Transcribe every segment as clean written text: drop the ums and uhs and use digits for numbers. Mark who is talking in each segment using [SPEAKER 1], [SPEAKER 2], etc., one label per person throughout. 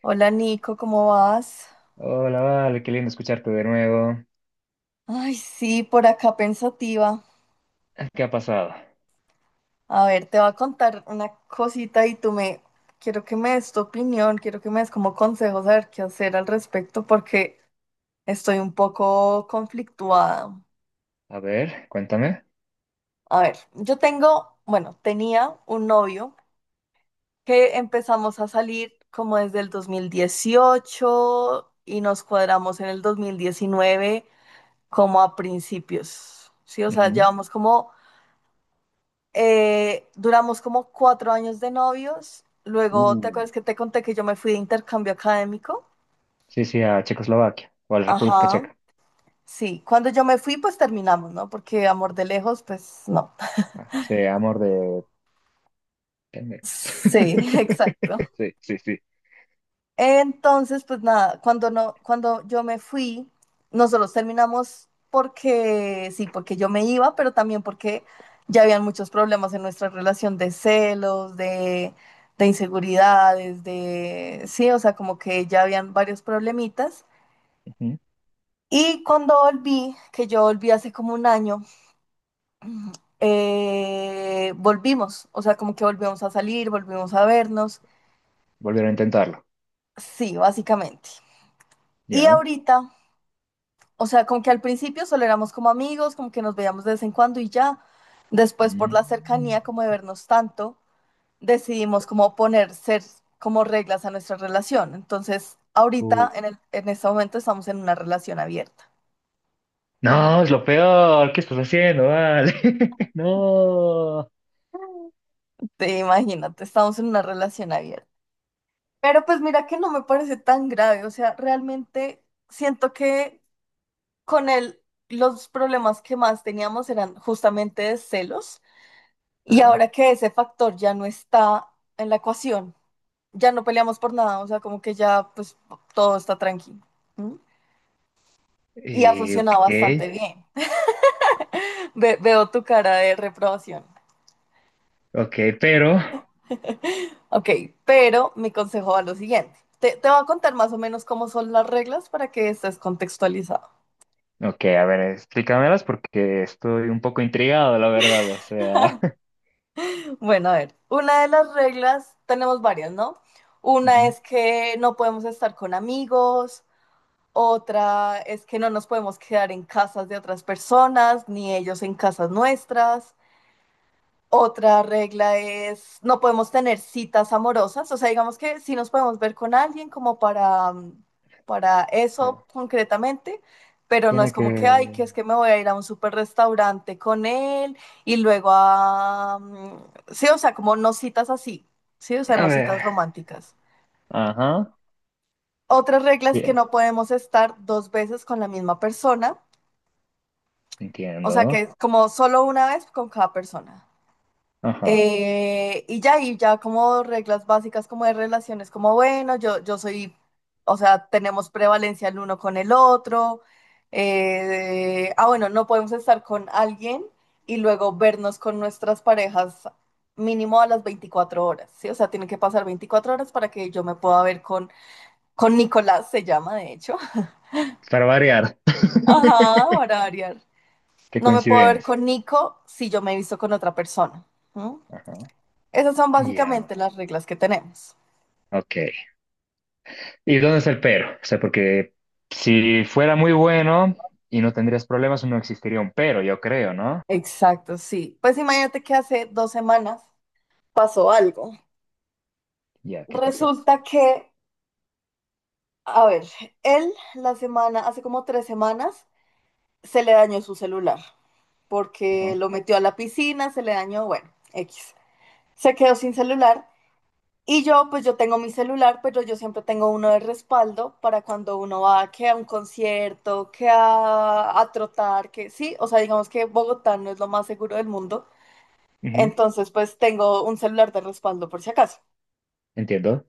[SPEAKER 1] Hola Nico, ¿cómo vas?
[SPEAKER 2] Hola, Vale, qué lindo escucharte de nuevo.
[SPEAKER 1] Ay, sí, por acá pensativa.
[SPEAKER 2] Ah, ¿qué ha pasado?
[SPEAKER 1] A ver, te voy a contar una cosita y tú me... Quiero que me des tu opinión, quiero que me des como consejos a ver qué hacer al respecto porque estoy un poco conflictuada.
[SPEAKER 2] A ver, cuéntame.
[SPEAKER 1] A ver, yo tengo, bueno, tenía un novio que empezamos a salir como desde el 2018 y nos cuadramos en el 2019 como a principios, ¿sí? O sea,
[SPEAKER 2] Ujú.
[SPEAKER 1] llevamos como. Duramos como 4 años de novios. Luego, ¿te
[SPEAKER 2] Uh,
[SPEAKER 1] acuerdas que te conté que yo me fui de intercambio académico?
[SPEAKER 2] Sí, sí, a Checoslovaquia o a la República
[SPEAKER 1] Ajá,
[SPEAKER 2] Checa.
[SPEAKER 1] sí. Cuando yo me fui, pues terminamos, ¿no? Porque amor de lejos, pues no.
[SPEAKER 2] Ah, sí, amor de pendejos.
[SPEAKER 1] Sí, exacto.
[SPEAKER 2] Sí, sí, sí.
[SPEAKER 1] Entonces, pues nada, cuando no, cuando yo me fui, nosotros terminamos porque sí, porque yo me iba, pero también porque ya habían muchos problemas en nuestra relación de celos, de inseguridades, de sí, o sea, como que ya habían varios problemitas.
[SPEAKER 2] Ujú.
[SPEAKER 1] Y cuando volví, que yo volví hace como un año, volvimos, o sea, como que volvimos a salir, volvimos a vernos,
[SPEAKER 2] Volvieron a intentarlo.
[SPEAKER 1] sí, básicamente. Y
[SPEAKER 2] Ya.
[SPEAKER 1] ahorita O sea, como que al principio solo éramos como amigos, como que nos veíamos de vez en cuando y ya. Después, por la
[SPEAKER 2] Mm.
[SPEAKER 1] cercanía, como de vernos tanto, decidimos como poner ser como reglas a nuestra relación. Entonces,
[SPEAKER 2] Uh.
[SPEAKER 1] ahorita, en este momento, estamos en una relación abierta.
[SPEAKER 2] No, es lo peor. ¿Qué estás haciendo, Vale? No.
[SPEAKER 1] Te imagínate, estamos en una relación abierta. Pero pues mira que no me parece tan grave. O sea, realmente siento que con él los problemas que más teníamos eran justamente de celos. Y
[SPEAKER 2] Ajá.
[SPEAKER 1] ahora que ese factor ya no está en la ecuación, ya no peleamos por nada, o sea, como que ya pues todo está tranquilo. ¿M? Y ha
[SPEAKER 2] Y, ok,
[SPEAKER 1] funcionado bastante bien. Veo tu cara de reprobación.
[SPEAKER 2] ok, pero.
[SPEAKER 1] Ok, pero mi consejo va a lo siguiente. Te voy a contar más o menos cómo son las reglas para que estés contextualizado.
[SPEAKER 2] Ok, a ver, explícamelas porque estoy un poco intrigado, la verdad,
[SPEAKER 1] Bueno, a ver, una de las reglas, tenemos varias, ¿no?
[SPEAKER 2] Ujú,
[SPEAKER 1] Una es que no podemos estar con amigos. Otra es que no nos podemos quedar en casas de otras personas, ni ellos en casas nuestras. Otra regla es no podemos tener citas amorosas, o sea, digamos que sí nos podemos ver con alguien como para, para eso
[SPEAKER 2] sea,
[SPEAKER 1] concretamente, pero no es
[SPEAKER 2] tiene
[SPEAKER 1] como que, ay,
[SPEAKER 2] que...
[SPEAKER 1] que es que me voy a ir a un super restaurante con él y luego sí, o sea, como no citas así, sí, o sea,
[SPEAKER 2] A
[SPEAKER 1] no citas
[SPEAKER 2] ver.
[SPEAKER 1] románticas.
[SPEAKER 2] Ajá.
[SPEAKER 1] Otra regla es que
[SPEAKER 2] Ya,
[SPEAKER 1] no podemos estar dos veces con la misma persona. O sea que
[SPEAKER 2] entiendo.
[SPEAKER 1] es como solo una vez con cada persona.
[SPEAKER 2] Ajá.
[SPEAKER 1] Y ya, como reglas básicas como de relaciones, como bueno, yo soy, o sea, tenemos prevalencia el uno con el otro. Bueno, no podemos estar con alguien y luego vernos con nuestras parejas mínimo a las 24 horas, ¿sí? O sea, tienen que pasar 24 horas para que yo me pueda ver con Nicolás, se llama de hecho.
[SPEAKER 2] Para variar.
[SPEAKER 1] Ajá, para variar.
[SPEAKER 2] Qué
[SPEAKER 1] No me puedo ver
[SPEAKER 2] coincidencia.
[SPEAKER 1] con Nico si yo me he visto con otra persona, ¿no?
[SPEAKER 2] Ajá.
[SPEAKER 1] Esas son
[SPEAKER 2] Ya.
[SPEAKER 1] básicamente las reglas que tenemos.
[SPEAKER 2] Ok. ¿Y dónde está el pero? O sea, porque si fuera muy bueno y no tendrías problemas, no existiría un pero, yo creo, ¿no?
[SPEAKER 1] Exacto, sí. Pues imagínate que hace 2 semanas pasó algo.
[SPEAKER 2] Ya, ¿qué pasó?
[SPEAKER 1] Resulta que, a ver, hace como 3 semanas, se le dañó su celular porque
[SPEAKER 2] Ajá.
[SPEAKER 1] lo metió a la piscina, se le dañó, bueno, X. Se quedó sin celular. Y yo, pues yo tengo mi celular, pero yo siempre tengo uno de respaldo para cuando uno va que a un concierto, que a trotar, que sí, o sea, digamos que Bogotá no es lo más seguro del mundo.
[SPEAKER 2] Ujú,
[SPEAKER 1] Entonces, pues tengo un celular de respaldo por si acaso.
[SPEAKER 2] entiendo.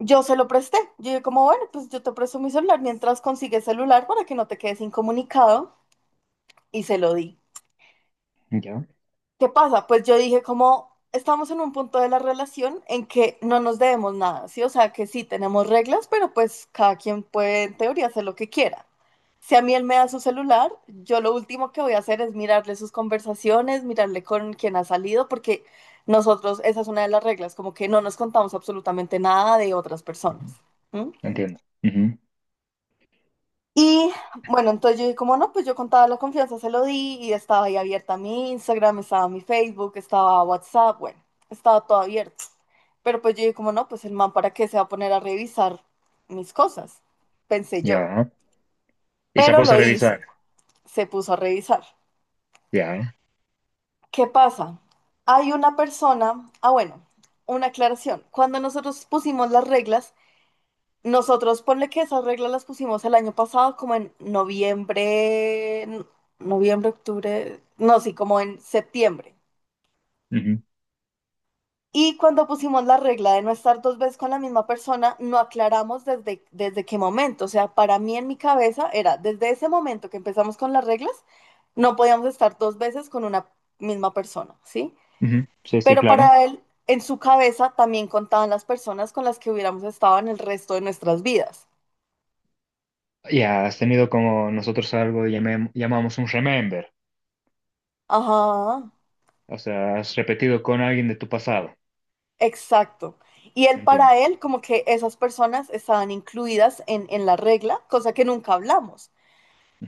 [SPEAKER 1] Yo se lo presté. Yo dije como, bueno, pues yo te presto mi celular mientras consigues celular para que no te quedes incomunicado y se lo di.
[SPEAKER 2] Ya.
[SPEAKER 1] ¿Qué pasa? Pues yo dije como estamos en un punto de la relación en que no nos debemos nada, ¿sí? O sea, que sí tenemos reglas, pero pues cada quien puede en teoría hacer lo que quiera. Si a mí él me da su celular, yo lo último que voy a hacer es mirarle sus conversaciones, mirarle con quién ha salido, porque nosotros, esa es una de las reglas, como que no nos contamos absolutamente nada de otras personas.
[SPEAKER 2] Ujú,
[SPEAKER 1] ¿M?
[SPEAKER 2] entiendo. Ujú.
[SPEAKER 1] Y bueno, entonces yo dije, como no, pues yo contaba la confianza, se lo di y estaba ahí abierta mi Instagram, estaba mi Facebook, estaba WhatsApp, bueno, estaba todo abierto. Pero pues yo dije, como no, pues el man, ¿para qué se va a poner a revisar mis cosas? Pensé yo.
[SPEAKER 2] Ya. Y se
[SPEAKER 1] Pero
[SPEAKER 2] puso a
[SPEAKER 1] lo hizo,
[SPEAKER 2] revisar.
[SPEAKER 1] se puso a revisar.
[SPEAKER 2] Ya.
[SPEAKER 1] ¿Qué pasa? Hay una persona, ah, bueno, una aclaración. Cuando nosotros pusimos las reglas, nosotros, ponle que esas reglas las pusimos el año pasado, como en noviembre, noviembre, octubre, no, sí, como en septiembre.
[SPEAKER 2] Ujú,
[SPEAKER 1] Y cuando pusimos la regla de no estar dos veces con la misma persona, no aclaramos desde qué momento. O sea, para mí en mi cabeza era, desde ese momento que empezamos con las reglas, no podíamos estar dos veces con una misma persona, ¿sí?
[SPEAKER 2] ujú. Sí, sí,
[SPEAKER 1] Pero
[SPEAKER 2] claro.
[SPEAKER 1] para él, en su cabeza también contaban las personas con las que hubiéramos estado en el resto de nuestras vidas.
[SPEAKER 2] Ya has tenido como nosotros algo que llamamos un remember.
[SPEAKER 1] Ajá.
[SPEAKER 2] O sea, has repetido con alguien de tu pasado.
[SPEAKER 1] Exacto. Y él,
[SPEAKER 2] Entiendo.
[SPEAKER 1] para él, como que esas personas estaban incluidas en la regla, cosa que nunca hablamos.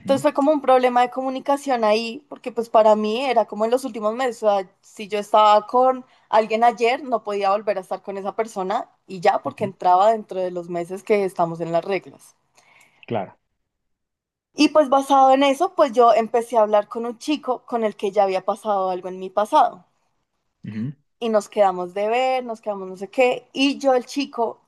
[SPEAKER 1] Entonces fue como un problema de comunicación ahí, porque pues para mí era como en los últimos meses, o sea, si yo estaba con alguien ayer, no podía volver a estar con esa persona y ya, porque
[SPEAKER 2] ujú.
[SPEAKER 1] entraba dentro de los meses que estamos en las reglas.
[SPEAKER 2] Claro.
[SPEAKER 1] Y pues basado en eso, pues yo empecé a hablar con un chico con el que ya había pasado algo en mi pasado.
[SPEAKER 2] Ujú.
[SPEAKER 1] Y nos quedamos de ver, nos quedamos no sé qué.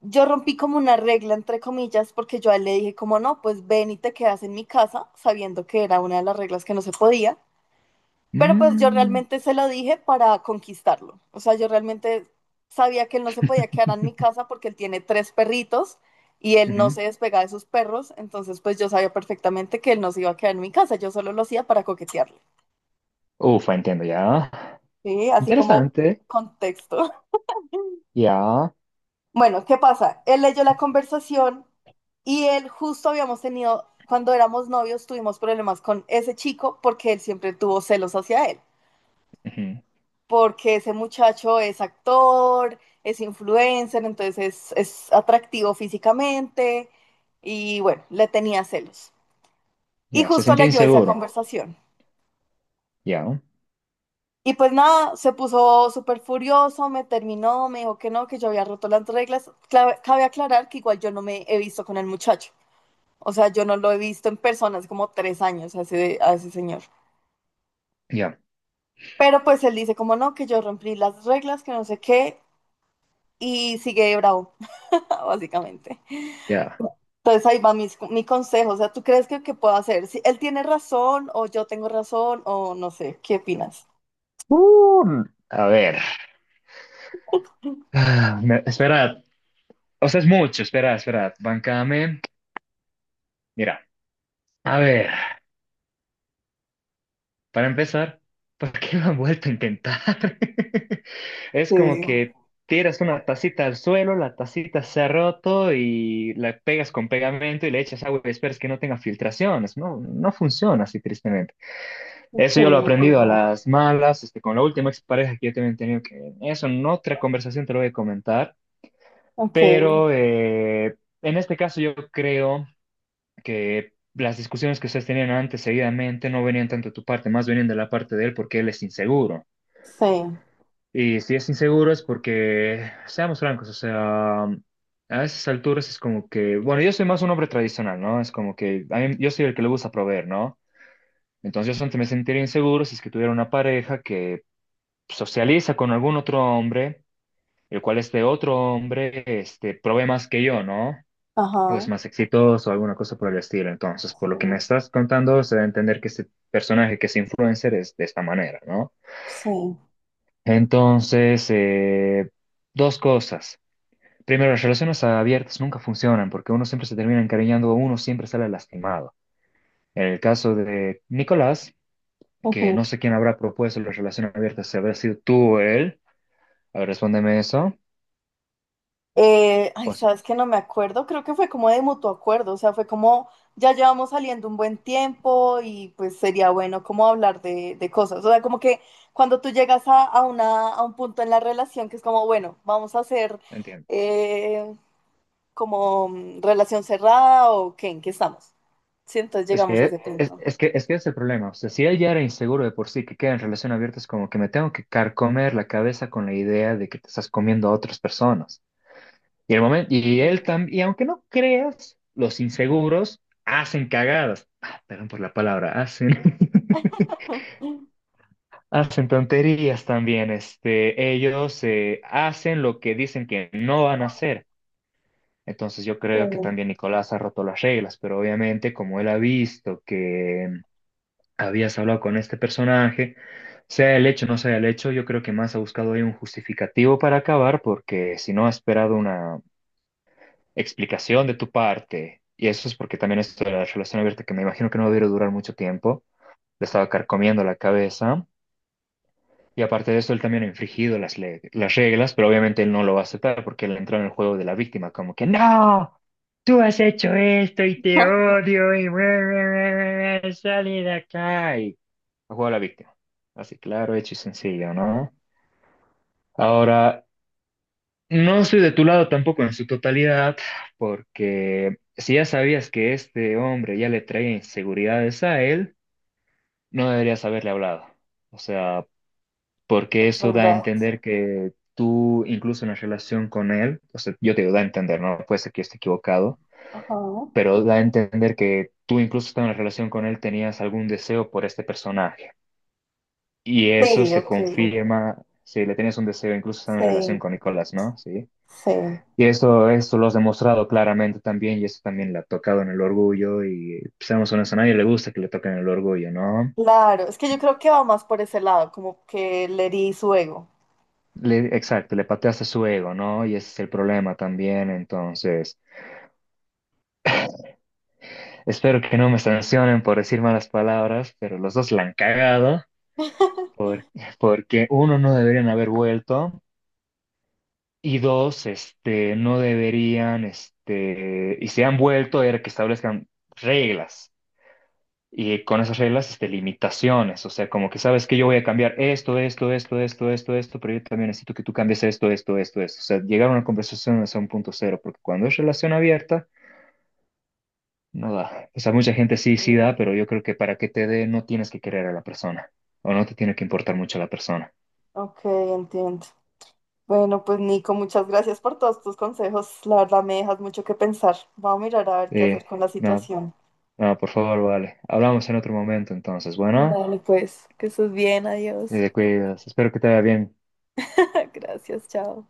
[SPEAKER 1] Yo rompí como una regla, entre comillas, porque yo a él le dije como no, pues ven y te quedas en mi casa, sabiendo que era una de las reglas que no se podía, pero pues yo
[SPEAKER 2] Mm.
[SPEAKER 1] realmente se lo dije para conquistarlo. O sea, yo realmente sabía que él no se podía quedar en mi casa porque él tiene tres perritos y él no se
[SPEAKER 2] Ujú.
[SPEAKER 1] despega de sus perros, entonces pues yo sabía perfectamente que él no se iba a quedar en mi casa, yo solo lo hacía para coquetearle,
[SPEAKER 2] Ufa, entiendo, ya.
[SPEAKER 1] ¿sí? Así como
[SPEAKER 2] Interesante.
[SPEAKER 1] contexto.
[SPEAKER 2] Ya.
[SPEAKER 1] Bueno, ¿qué pasa? Él leyó la conversación y él justo habíamos tenido, cuando éramos novios, tuvimos problemas con ese chico porque él siempre tuvo celos hacia él,
[SPEAKER 2] Ujú.
[SPEAKER 1] porque ese muchacho es actor, es influencer, entonces es atractivo físicamente y bueno, le tenía celos. Y
[SPEAKER 2] Ya, se
[SPEAKER 1] justo
[SPEAKER 2] sentía
[SPEAKER 1] leyó esa
[SPEAKER 2] inseguro.
[SPEAKER 1] conversación.
[SPEAKER 2] Ya,
[SPEAKER 1] Y pues nada, se puso súper furioso, me terminó, me dijo que no, que yo había roto las reglas. Cabe aclarar que igual yo no me he visto con el muchacho. O sea, yo no lo he visto en persona hace como 3 años a ese señor.
[SPEAKER 2] ya,
[SPEAKER 1] Pero pues él dice como no, que yo rompí las reglas, que no sé qué, y sigue de bravo, básicamente.
[SPEAKER 2] ya.
[SPEAKER 1] Entonces ahí va mi consejo, o sea, ¿tú crees que, puedo hacer? Si él tiene razón o yo tengo razón o no sé, ¿qué opinas?
[SPEAKER 2] Uh, a ver. Esperad. O sea, es mucho. Esperad. Bancame. Mira. A ver. Para empezar, ¿por qué lo han vuelto a intentar? Es
[SPEAKER 1] Sí,
[SPEAKER 2] como que tiras una tacita al suelo, la tacita se ha roto y la pegas con pegamento y le echas agua y esperas que no tenga filtraciones. No, no funciona así, tristemente.
[SPEAKER 1] ok,
[SPEAKER 2] Eso yo lo he aprendido a las malas, este, con la última expareja que yo también he tenido, que eso en otra conversación te lo voy a comentar.
[SPEAKER 1] ok,
[SPEAKER 2] Pero en este caso yo creo que las discusiones que ustedes tenían antes seguidamente no venían tanto de tu parte, más venían de la parte de él porque él es inseguro.
[SPEAKER 1] sí,
[SPEAKER 2] Y si es inseguro es porque, seamos francos, o sea, a esas alturas es como que, bueno, yo soy más un hombre tradicional, ¿no? Es como que yo soy el que le gusta proveer, ¿no? Entonces yo solamente me sentiría inseguro si es que tuviera una pareja que socializa con algún otro hombre, el cual este otro hombre, este, provee más que yo, ¿no? Pues
[SPEAKER 1] ajá,
[SPEAKER 2] más exitoso o alguna cosa por el estilo. Entonces, por lo que me
[SPEAKER 1] sí,
[SPEAKER 2] estás contando, se da a entender que este personaje, que es influencer, es de esta manera, ¿no?
[SPEAKER 1] sí.
[SPEAKER 2] Entonces, dos cosas. Primero, las relaciones abiertas nunca funcionan porque uno siempre se termina encariñando, uno siempre sale lastimado. En el caso de Nicolás, que
[SPEAKER 1] Ujú.
[SPEAKER 2] no sé quién habrá propuesto las relaciones abiertas, si habrá sido tú o él, a ver, respóndeme eso.
[SPEAKER 1] Ay,
[SPEAKER 2] Pues,
[SPEAKER 1] sabes que no me acuerdo, creo que fue como de mutuo acuerdo, o sea, fue como ya llevamos saliendo un buen tiempo y pues sería bueno como hablar de cosas, o sea, como que cuando tú llegas a un punto en la relación que es como, bueno, vamos a hacer
[SPEAKER 2] entiendo.
[SPEAKER 1] eh, como relación cerrada o qué, en qué estamos, sí, entonces
[SPEAKER 2] Es
[SPEAKER 1] llegamos a
[SPEAKER 2] que
[SPEAKER 1] ese
[SPEAKER 2] es,
[SPEAKER 1] punto.
[SPEAKER 2] es que es que es el problema. O sea, si él ya era inseguro de por sí, que queda en relación abierta, es como que me tengo que carcomer la cabeza con la idea de que te estás comiendo a otras personas. Y el momento,
[SPEAKER 1] Sí.
[SPEAKER 2] y él también, y aunque no creas, los inseguros hacen cagadas. Ah, perdón por la palabra, hacen tonterías también. Este, ellos hacen lo que dicen que no van a hacer. Entonces yo
[SPEAKER 1] Sí,
[SPEAKER 2] creo que también Nicolás ha roto las reglas, pero obviamente como él ha visto que habías hablado con este personaje, sea el hecho o no sea el hecho, yo creo que más ha buscado ahí un justificativo para acabar, porque si no ha esperado una explicación de tu parte, y eso es porque también esto de la relación abierta, que me imagino que no debió durar mucho tiempo, le estaba carcomiendo la cabeza, y aparte de eso, él también ha infringido las reglas, pero obviamente él no lo va a aceptar porque él entró en el juego de la víctima, como que no. Tú has hecho esto y te odio y sale de acá. Y el juego de la víctima. Así claro, hecho y sencillo, ¿no? Ahora, no estoy de tu lado tampoco en su totalidad, porque si ya sabías que este hombre ya le traía inseguridades a él, no deberías haberle hablado. O sea, porque
[SPEAKER 1] es
[SPEAKER 2] eso da a
[SPEAKER 1] verdad.
[SPEAKER 2] entender que tú, incluso en la relación con él, o sea, yo te digo, da a entender, ¿no? Puede ser que yo esté equivocado,
[SPEAKER 1] Ajá.
[SPEAKER 2] pero da a entender que tú incluso estando en la relación con él tenías algún deseo por este personaje. Y eso
[SPEAKER 1] Sí,
[SPEAKER 2] se
[SPEAKER 1] ok,
[SPEAKER 2] confirma si le tienes un deseo, incluso estando en relación
[SPEAKER 1] sí,
[SPEAKER 2] con Nicolás, ¿no? Sí.
[SPEAKER 1] sí.
[SPEAKER 2] Y eso lo has demostrado claramente también, y eso también le ha tocado en el orgullo, y pues, seamos honestos, a nadie le gusta que le toquen el orgullo, ¿no?
[SPEAKER 1] Claro, es que yo creo que va más por ese lado, como que le herí su ego.
[SPEAKER 2] Exacto, le pateaste su ego, ¿no? Y ese es el problema también, entonces, espero que no me sancionen por decir malas palabras, pero los dos la han cagado, porque uno, no deberían haber vuelto, y dos, este, no deberían, este, y se han vuelto a ver que establezcan reglas y con esas reglas, este, limitaciones. O sea, como que sabes que yo voy a cambiar esto, esto, esto, esto, esto, esto, pero yo también necesito que tú cambies esto, esto, esto, esto. O sea, llegar a una conversación es un punto cero, porque cuando es relación abierta, no da. O sea, mucha gente sí, sí
[SPEAKER 1] Mm,
[SPEAKER 2] da, pero yo creo que para que te dé no tienes que querer a la persona o no te tiene que importar mucho la persona.
[SPEAKER 1] ok, entiendo. Bueno, pues Nico, muchas gracias por todos tus consejos. La verdad me dejas mucho que pensar. Vamos a mirar a ver qué hacer
[SPEAKER 2] Eh,
[SPEAKER 1] con la
[SPEAKER 2] no
[SPEAKER 1] situación.
[SPEAKER 2] nada, por favor, vale. Hablamos en otro momento entonces. Bueno.
[SPEAKER 1] Dale, pues, que estés bien, adiós.
[SPEAKER 2] Te cuidas. Espero que te vaya bien.
[SPEAKER 1] Gracias, chao.